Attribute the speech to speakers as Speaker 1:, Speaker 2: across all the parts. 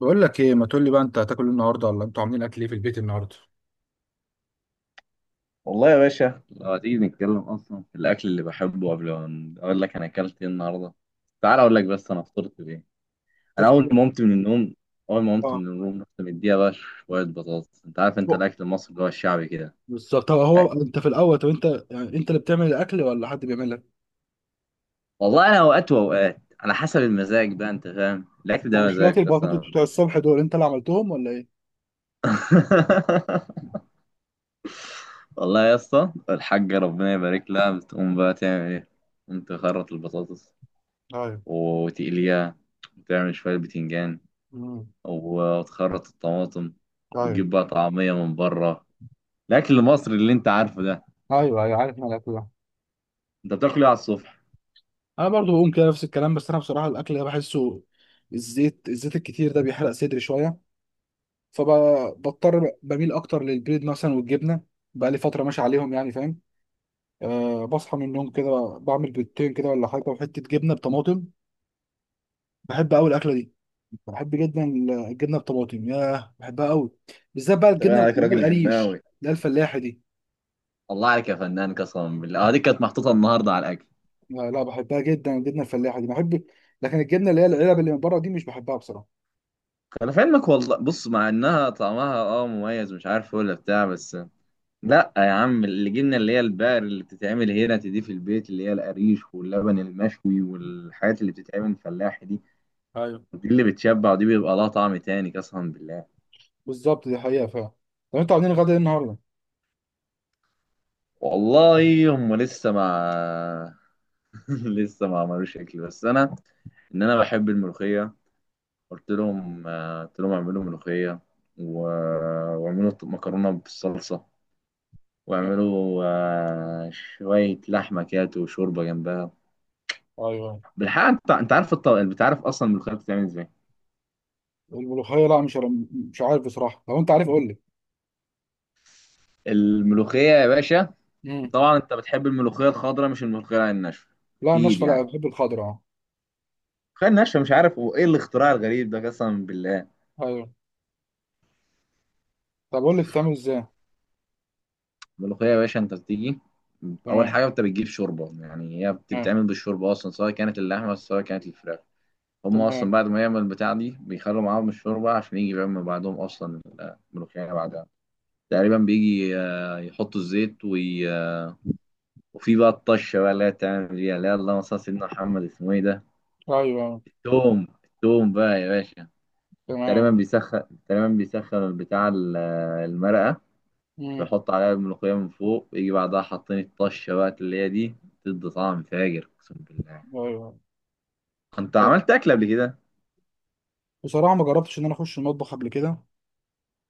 Speaker 1: بقول لك ايه، ما تقول لي بقى انت هتاكل إيه النهارده، ولا انتوا عاملين اكل ايه في البيت النهارده؟
Speaker 2: والله يا باشا لو هتيجي نتكلم اصلا في الاكل اللي بحبه قبل ما اقول لك انا اكلت ايه النهارده. تعال اقول لك بس انا فطرت بايه. انا
Speaker 1: ترتيب.
Speaker 2: اول ما قمت من
Speaker 1: اه.
Speaker 2: النوم رحت مديها بقى شويه بطاطس. انت عارف، انت
Speaker 1: هو-
Speaker 2: الاكل المصري اللي هو الشعبي كده،
Speaker 1: بالظبط. طب
Speaker 2: يعني.
Speaker 1: هو انت في الاول، طب انت يعني انت اللي بتعمل الاكل ولا حد بيعمل لك؟
Speaker 2: والله انا اوقات واوقات على حسب المزاج بقى. انت فاهم الاكل
Speaker 1: يعني
Speaker 2: ده
Speaker 1: شويه
Speaker 2: مزاج قسما
Speaker 1: البطاطس بتوع
Speaker 2: بالله.
Speaker 1: الصبح دول انت اللي عملتهم ولا ايه؟
Speaker 2: والله يا اسطى الحاجه ربنا يبارك لها بتقوم بقى تعمل ايه؟ قوم تخرط البطاطس
Speaker 1: ايوه.
Speaker 2: وتقليها، وتعمل شويه بتنجان
Speaker 1: امم.
Speaker 2: وتخرط الطماطم،
Speaker 1: ايوه.
Speaker 2: وتجيب بقى طعمية من بره. الأكل المصري اللي أنت عارفه ده.
Speaker 1: ايوه ايوه، عارف انا الاكل ده.
Speaker 2: أنت بتاكل إيه على الصبح؟
Speaker 1: انا برضو بقوم كده نفس الكلام، بس انا بصراحه الاكل ده بحسه، الزيت الزيت الكتير ده بيحرق صدري شويه، فبضطر بميل اكتر للبيض مثلا والجبنه، بقى لي فتره ماشي عليهم يعني، فاهم. أه، بصحى من النوم كده بعمل بيضتين كده ولا حاجة، وحتة جبنة بطماطم. بحب أوي الأكلة دي. بحب جدا الجبنة بطماطم، ياه بحبها أوي، بالذات بقى
Speaker 2: انت باين
Speaker 1: الجبنة
Speaker 2: عليك
Speaker 1: اللي هي
Speaker 2: راجل جماوي.
Speaker 1: القريش، اللي هي الفلاحة دي.
Speaker 2: الله عليك يا فنان قسما بالله. دي كانت محطوطة النهاردة على الأكل.
Speaker 1: لا لا، بحبها جدا الجبنة الفلاحة دي، بحب. لكن الجبنة اللي هي العلب اللي من بره دي مش بحبها بصراحة.
Speaker 2: أنا في علمك والله، بص، مع إنها طعمها مميز، مش عارف ولا بتاع بس. لأ يا عم، اللي جبنا اللي هي البقر اللي بتتعمل هنا دي في البيت، اللي هي القريش واللبن المشوي والحاجات اللي بتتعمل فلاحي دي،
Speaker 1: ايوه
Speaker 2: دي اللي بتشبع، ودي بيبقى لها طعم تاني قسما بالله.
Speaker 1: بالظبط، دي حقيقة فعلا. طب أنتوا عاملين غدا إيه النهاردة؟
Speaker 2: والله هم لسه مع... لسه ما عملوش اكل، بس انا، انا بحب الملوخيه. قلت لهم اعملوا ملوخيه، و... واعملوا مكرونه بالصلصه، واعملوا شويه لحمه كده وشوربه جنبها.
Speaker 1: ايوه.
Speaker 2: بالحقيقه، انت انت عارف اصلا الملوخيه بتتعمل ازاي.
Speaker 1: لا، مش عارف بصراحة، لو أنت عارف قول لي.
Speaker 2: الملوخيه يا باشا،
Speaker 1: مم.
Speaker 2: طبعا انت بتحب الملوخيه الخضراء مش الملوخيه الناشفه،
Speaker 1: لا
Speaker 2: اكيد
Speaker 1: الناشفة، لا
Speaker 2: يعني.
Speaker 1: بحب الخضرا.
Speaker 2: الملوخيه الناشفه مش عارف، وايه الاختراع الغريب ده قسما بالله.
Speaker 1: أه أيوه. طب قول لي بتتعمل إزاي؟
Speaker 2: الملوخية يا باشا، أنت بتيجي. أول
Speaker 1: تمام.
Speaker 2: حاجة أنت بتجيب شوربة، يعني هي
Speaker 1: تمام.
Speaker 2: بتتعمل بالشوربة أصلا، سواء كانت اللحمة سواء كانت الفراخ. هما أصلا
Speaker 1: تمام.
Speaker 2: بعد ما يعمل البتاع دي بيخلوا معاهم الشوربة عشان يجي يعمل بعدهم أصلا. الملوخية بعدها تقريبا بيجي يحطوا الزيت، وي... آه، وفي بقى الطشة بقى اللي هي بتعمل بيها، اللي هي، اللهم صل على سيدنا محمد، اسمه إيه ده؟
Speaker 1: ايوه ايوه،
Speaker 2: التوم، التوم بقى يا باشا.
Speaker 1: تمام.
Speaker 2: تقريبا بيسخن، تقريبا بيسخن البتاع المرقة،
Speaker 1: امم.
Speaker 2: بيحط عليها الملوخية من فوق، يجي بعدها حاطين الطشة بقى اللي هي دي، تدي طعم فاجر اقسم بالله.
Speaker 1: ايوه ايوه.
Speaker 2: انت
Speaker 1: طيب.
Speaker 2: عملت اكل قبل كده؟
Speaker 1: بصراحه ما جربتش ان انا اخش المطبخ قبل كده،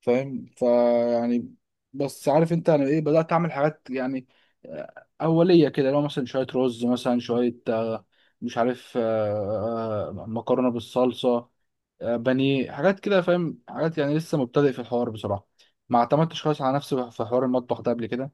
Speaker 1: فاهم فيعني، بس عارف انت انا ايه، بدات اعمل حاجات يعني، اوليه كده لو مثلا شويه رز، مثلا شويه، مش عارف، مكرونه بالصلصه، بانيه، حاجات كده فاهم، حاجات يعني، لسه مبتدئ في الحوار بصراحه. ما اعتمدتش خالص على نفسي في حوار المطبخ ده قبل كده،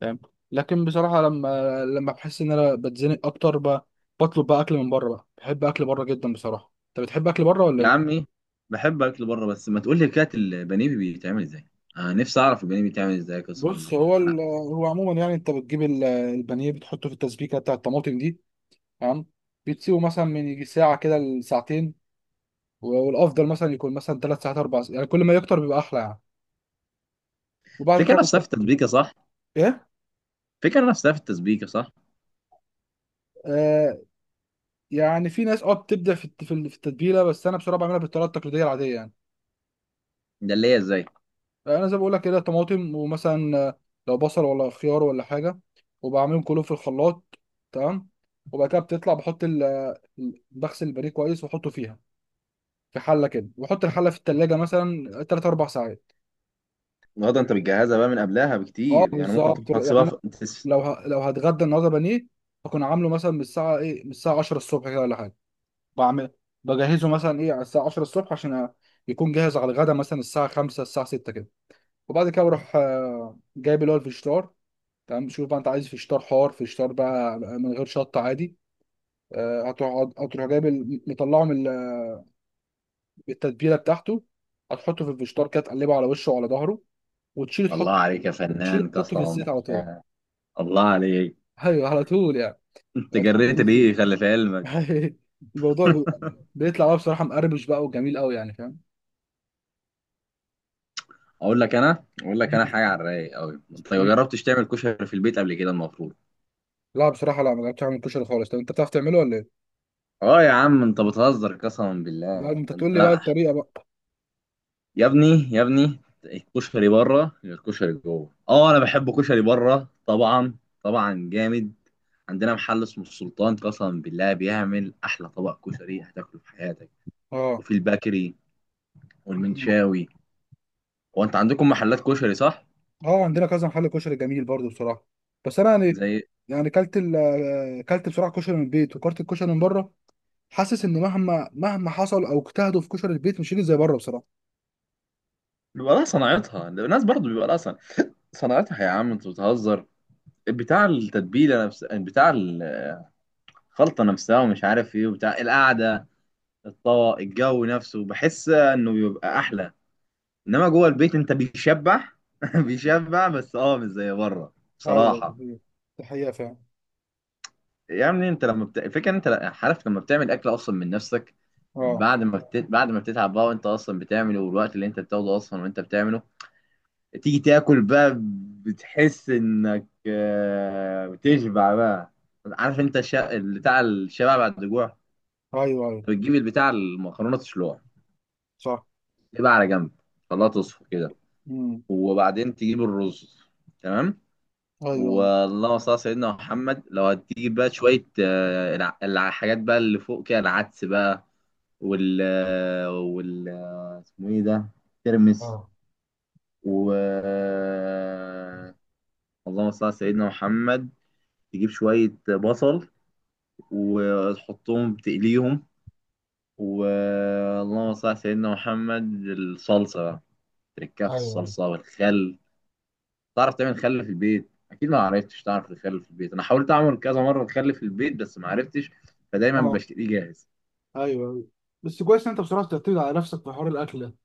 Speaker 1: فاهم. لكن بصراحه لما بحس ان انا بتزنق اكتر، بطلب بقى اكل من بره، بقى بحب اكل بره جدا بصراحه. انت بتحب اكل بره ولا
Speaker 2: يا
Speaker 1: ايه؟
Speaker 2: عمي، بحب اكل بره، بس ما تقول لي كده البانيه بيتعمل ازاي. انا نفسي اعرف البانيه بيتعمل ازاي قسما
Speaker 1: بص،
Speaker 2: بالله،
Speaker 1: هو
Speaker 2: انا.
Speaker 1: ال- هو عموما يعني انت بتجيب البانيه، بتحطه في التسبيكه بتاع الطماطم دي. تمام. بتسيبه مثلا من يجي ساعه كده لساعتين، والافضل مثلا يكون مثلا ثلاث ساعات اربع ساعات، يعني كل ما يكتر بيبقى احلى يعني، وبعد
Speaker 2: فكرة
Speaker 1: كده
Speaker 2: نفسها في التسبيكة، صح؟
Speaker 1: ايه.
Speaker 2: فكرة نفسها في التسبيكة، صح؟
Speaker 1: آه. يعني في ناس اه بتبدع في في التتبيله، بس انا بصراحه بعملها بالطريقه التقليديه العاديه يعني.
Speaker 2: ده اللي هي ازاي؟
Speaker 1: انا زي ما بقول لك كده، طماطم، ومثلا لو بصل ولا خيار ولا حاجه، وبعملهم كلهم في الخلاط. تمام. وبعد كده بتطلع بحط ال، بغسل البانيه كويس واحطه فيها، في حله كده، واحط الحله في التلاجة مثلا 3 4 ساعات.
Speaker 2: النهارده انت بتجهزها بقى من قبلها
Speaker 1: اه
Speaker 2: بكتير، يعني ممكن
Speaker 1: بالظبط،
Speaker 2: تكون
Speaker 1: يعني
Speaker 2: هتسيبها
Speaker 1: انا لو هتغدى النهارده بانيه، هكون عامله مثلا من الساعه 10 الصبح كده ولا حاجه، بعمل بجهزه مثلا ايه على الساعه 10 الصبح، عشان يكون جاهز على الغدا مثلا الساعه 5 الساعه 6 كده. وبعد كده بروح جايب اللي هو الفشتار. تمام. شوف بقى انت عايز فيشتار حار، فيشتار بقى من غير شطه، عادي. هتقعد هتروح جايب مطلعه من التتبيله بتاعته، هتحطه في الفيشتار كده، تقلبه على وشه وعلى ظهره، وتشيل
Speaker 2: الله
Speaker 1: تحط
Speaker 2: عليك يا
Speaker 1: وتشيل
Speaker 2: فنان
Speaker 1: تحطه
Speaker 2: قسما
Speaker 1: في الزيت على طول.
Speaker 2: بالله. الله عليك.
Speaker 1: ايوه، على طول يعني.
Speaker 2: انت
Speaker 1: هتحطه في
Speaker 2: جريت ليه
Speaker 1: الزيت.
Speaker 2: خلي في علمك.
Speaker 1: الموضوع بيطلع بقى بصراحه مقرمش بقى وجميل قوي يعني، فاهم.
Speaker 2: اقول لك، انا اقول لك، انا
Speaker 1: مم.
Speaker 2: حاجه على الرايق قوي. انت ما
Speaker 1: مم.
Speaker 2: جربتش تعمل كشري في البيت قبل كده المفروض؟
Speaker 1: لا بصراحه، لا ما جربتش اعمل كشري خالص. طب انت بتعرف تعمله ولا ايه؟
Speaker 2: اه يا عم انت بتهزر قسما
Speaker 1: لا
Speaker 2: بالله،
Speaker 1: انت
Speaker 2: ده
Speaker 1: تقول
Speaker 2: انت.
Speaker 1: لي بقى الطريقه بقى.
Speaker 2: يا ابني يا ابني، الكشري بره غير الكشري جوه. اه انا بحب كشري بره طبعا، طبعا جامد. عندنا محل اسمه السلطان قسما بالله بيعمل احلى طبق كشري هتاكله في حياتك،
Speaker 1: اه.
Speaker 2: وفي البكري والمنشاوي. هو انت عندكم محلات كشري صح؟
Speaker 1: اه، عندنا كذا محل كشري جميل برضو بصراحه، بس انا يعني،
Speaker 2: زي...
Speaker 1: يعني كلت بصراحه كشري من البيت وكلت الكشري من بره، حاسس ان مهما حصل او اجتهدوا في كشري البيت مش هيجي زي بره بصراحه.
Speaker 2: بيبقى لها صناعتها الناس، برضو بيبقى لها صناعتها. يا عم انت بتهزر، بتاع التتبيله نفس بتاع الخلطه نفسها ومش عارف ايه، وبتاع القعده، الطبق، الجو نفسه بحس انه بيبقى احلى. انما جوه البيت انت بيشبع، بيشبع بس اه مش زي بره
Speaker 1: ايوه، دي
Speaker 2: بصراحه.
Speaker 1: حقيقة، دي حقيقه فعلا.
Speaker 2: يعني انت الفكره ان انت عارف لما بتعمل اكل اصلا من نفسك،
Speaker 1: اه.
Speaker 2: بعد ما بتتعب بقى وانت اصلا بتعمله، والوقت اللي انت بتاخده اصلا وانت بتعمله، تيجي تاكل بقى، بتحس انك بتشبع بقى. عارف انت بتاع الشبع بعد الجوع.
Speaker 1: ايوه ايوه.
Speaker 2: بتجيب البتاع المكرونه تسلقها،
Speaker 1: صح.
Speaker 2: تبقى على جنب، خلاها تصفى كده،
Speaker 1: امم.
Speaker 2: وبعدين تجيب الرز. تمام.
Speaker 1: ايوه ايوه.
Speaker 2: واللهم صل على سيدنا محمد، لو هتجيب بقى شويه الحاجات بقى اللي فوق كده، العدس بقى، وال آه، وال آه، اسمه ايه ده، ترمس،
Speaker 1: اه.
Speaker 2: و اللهم صل على سيدنا محمد، تجيب شويه بصل وتحطهم تقليهم، واللهم صل على سيدنا محمد الصلصه بقى، تركها في
Speaker 1: ايوه.
Speaker 2: الصلصه والخل. تعرف تعمل خل في البيت اكيد؟ ما عرفتش. تعرف الخل في البيت؟ انا حاولت اعمل كذا مره الخل في البيت بس ما عرفتش، فدايما
Speaker 1: اه.
Speaker 2: بشتريه جاهز.
Speaker 1: ايوه ايوه، بس كويس ان انت بصراحه بتعتمد على نفسك في حوار الاكل ده.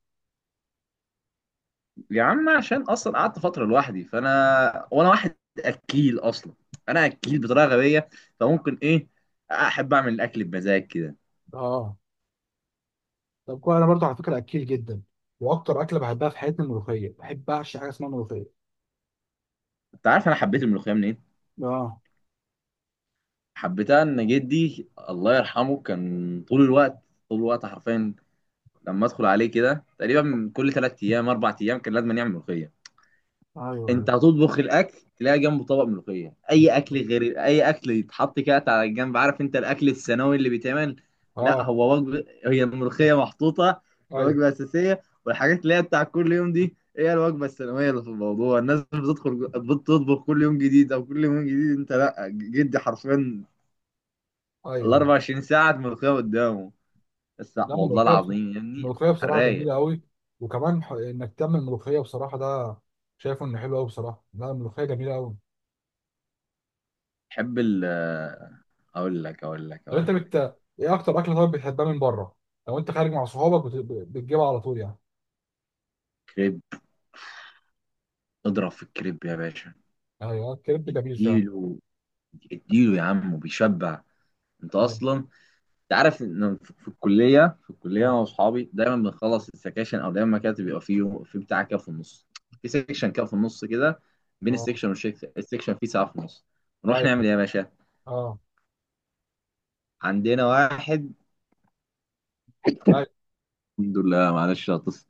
Speaker 2: يا عم، عشان اصلا قعدت فتره لوحدي، فانا وانا واحد اكيل اصلا. انا اكيل بطريقه غبيه، فممكن ايه، احب اعمل الاكل بمزاج كده.
Speaker 1: اه. طب كويس، انا برضو على فكره اكيل جدا، واكتر اكله بحبها في حياتي الملوخيه، بحب اعشي حاجه اسمها ملوخيه.
Speaker 2: انت عارف انا حبيت الملوخيه منين؟
Speaker 1: اه.
Speaker 2: حبيتها ان جدي الله يرحمه كان طول الوقت، طول الوقت حرفيا. لما ادخل عليه كده تقريبا كل ثلاث ايام اربع ايام كان لازم يعمل ملوخيه.
Speaker 1: ايوه
Speaker 2: انت هتطبخ الاكل تلاقي جنبه طبق ملوخيه. اي اكل
Speaker 1: ايوه.
Speaker 2: غير اي اكل يتحط كده على الجنب، عارف انت الاكل الثانوي اللي بيتعمل. لا،
Speaker 1: اه.
Speaker 2: هو وجبه، هي الملوخيه محطوطه
Speaker 1: ايوه
Speaker 2: كوجبه اساسيه، والحاجات اللي هي بتاع كل يوم دي هي الوجبه الثانويه. اللي في الموضوع، الناس بتدخل بتطبخ كل يوم جديد او كل يوم جديد، انت لا، جدي حرفيا ال
Speaker 1: ايوه.
Speaker 2: 24 ساعه ملوخيه قدامه، بس
Speaker 1: لا
Speaker 2: والله
Speaker 1: الملوخيه،
Speaker 2: العظيم يا ابني.
Speaker 1: الملوخيه
Speaker 2: على
Speaker 1: بصراحه
Speaker 2: الرايق.
Speaker 1: جميله قوي، وكمان انك تعمل ملوخيه بصراحه ده، شايفه انه حلو قوي بصراحه. لا الملوخيه جميله قوي.
Speaker 2: بحب ال... اقول لك اقول لك
Speaker 1: لو انت
Speaker 2: اقول
Speaker 1: بت...
Speaker 2: لك
Speaker 1: ايه اكتر اكله طيب بتحبها من بره؟ لو انت خارج مع صحابك بت... بتجيبها على طول يعني؟
Speaker 2: كريب. اضرب في الكريب يا باشا،
Speaker 1: ايوه، الكريب جميل فعلا.
Speaker 2: اديله، اديله يا عم وبيشبع. انت
Speaker 1: ايوه.
Speaker 2: اصلا، انت عارف ان في الكليه انا
Speaker 1: اه.
Speaker 2: واصحابي دايما بنخلص السكاشن، او دايما كده بيبقى فيه بتاع كده في النص، في سيكشن كده في النص كده، بين
Speaker 1: اه.
Speaker 2: السيكشن والسيكشن، السيكشن فيه ساعه في النص، نروح
Speaker 1: ايوه.
Speaker 2: نعمل ايه يا باشا؟
Speaker 1: اه.
Speaker 2: عندنا واحد،
Speaker 1: ايوه.
Speaker 2: الحمد لله معلش هتصل،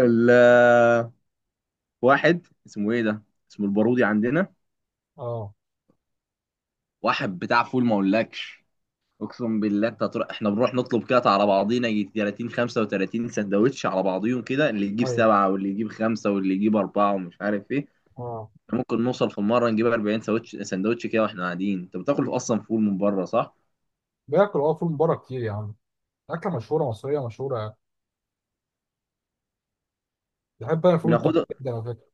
Speaker 2: ال- واحد اسمه ايه ده، اسمه البارودي عندنا،
Speaker 1: اه.
Speaker 2: واحد بتاع فول ما اقولكش، اقسم بالله. انت هتروح، احنا بنروح نطلب كده على بعضينا يجي 30 35 سندوتش على بعضيهم كده، اللي يجيب
Speaker 1: ايوه.
Speaker 2: سبعه واللي يجيب خمسه واللي يجيب اربعه ومش عارف ايه.
Speaker 1: اه.
Speaker 2: ممكن نوصل في مره نجيب 40 سندوتش، سندوتش كده واحنا قاعدين. انت بتاكل اصلا فول من بره، صح؟
Speaker 1: باكل اه فول من بره كتير يا عم، اكله مشهوره، مصريه مشهوره. بحب انا فول الطعميه
Speaker 2: بناخده.
Speaker 1: جدا على فكره.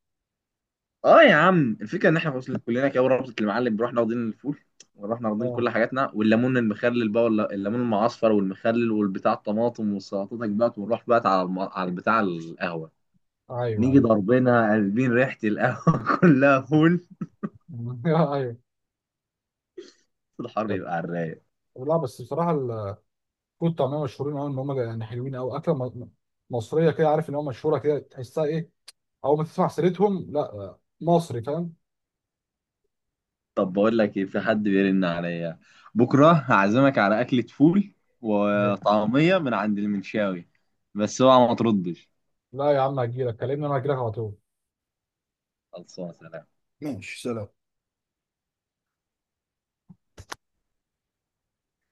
Speaker 2: اه يا عم، الفكره ان احنا وصلنا كلنا كده ورابطه المعلم بنروح ناخدين الفول، ونروح ناخدين
Speaker 1: اه.
Speaker 2: كل حاجاتنا والليمون المخلل بقى ولا الليمون المعصفر، والمخلل والبتاع الطماطم والسلطاتك بقى، ونروح بقى على على البتاع القهوه، نيجي
Speaker 1: ايوه
Speaker 2: ضاربينها قلبين ريحة القهوة كلها فول.
Speaker 1: ايوه. ايوه.
Speaker 2: الحرب يبقى على الرايق.
Speaker 1: لا بس بصراحه الفول والطعميه مشهورين قوي، ان هم يعني حلوين قوي، اكله مصريه كده، عارف ان هو مشهوره كده، تحسها ايه اول ما تسمع سيرتهم؟ لا مصري، فاهم.
Speaker 2: طب بقول لك ايه، في حد بيرن عليا، بكرة هعزمك على أكلة فول
Speaker 1: ماشي.
Speaker 2: وطعمية من عند المنشاوي، بس اوعى ما تردش.
Speaker 1: لا يا عم هجيلك، كلمني انا هجيلك على طول.
Speaker 2: خلصانة، سلام.
Speaker 1: ماشي، سلام.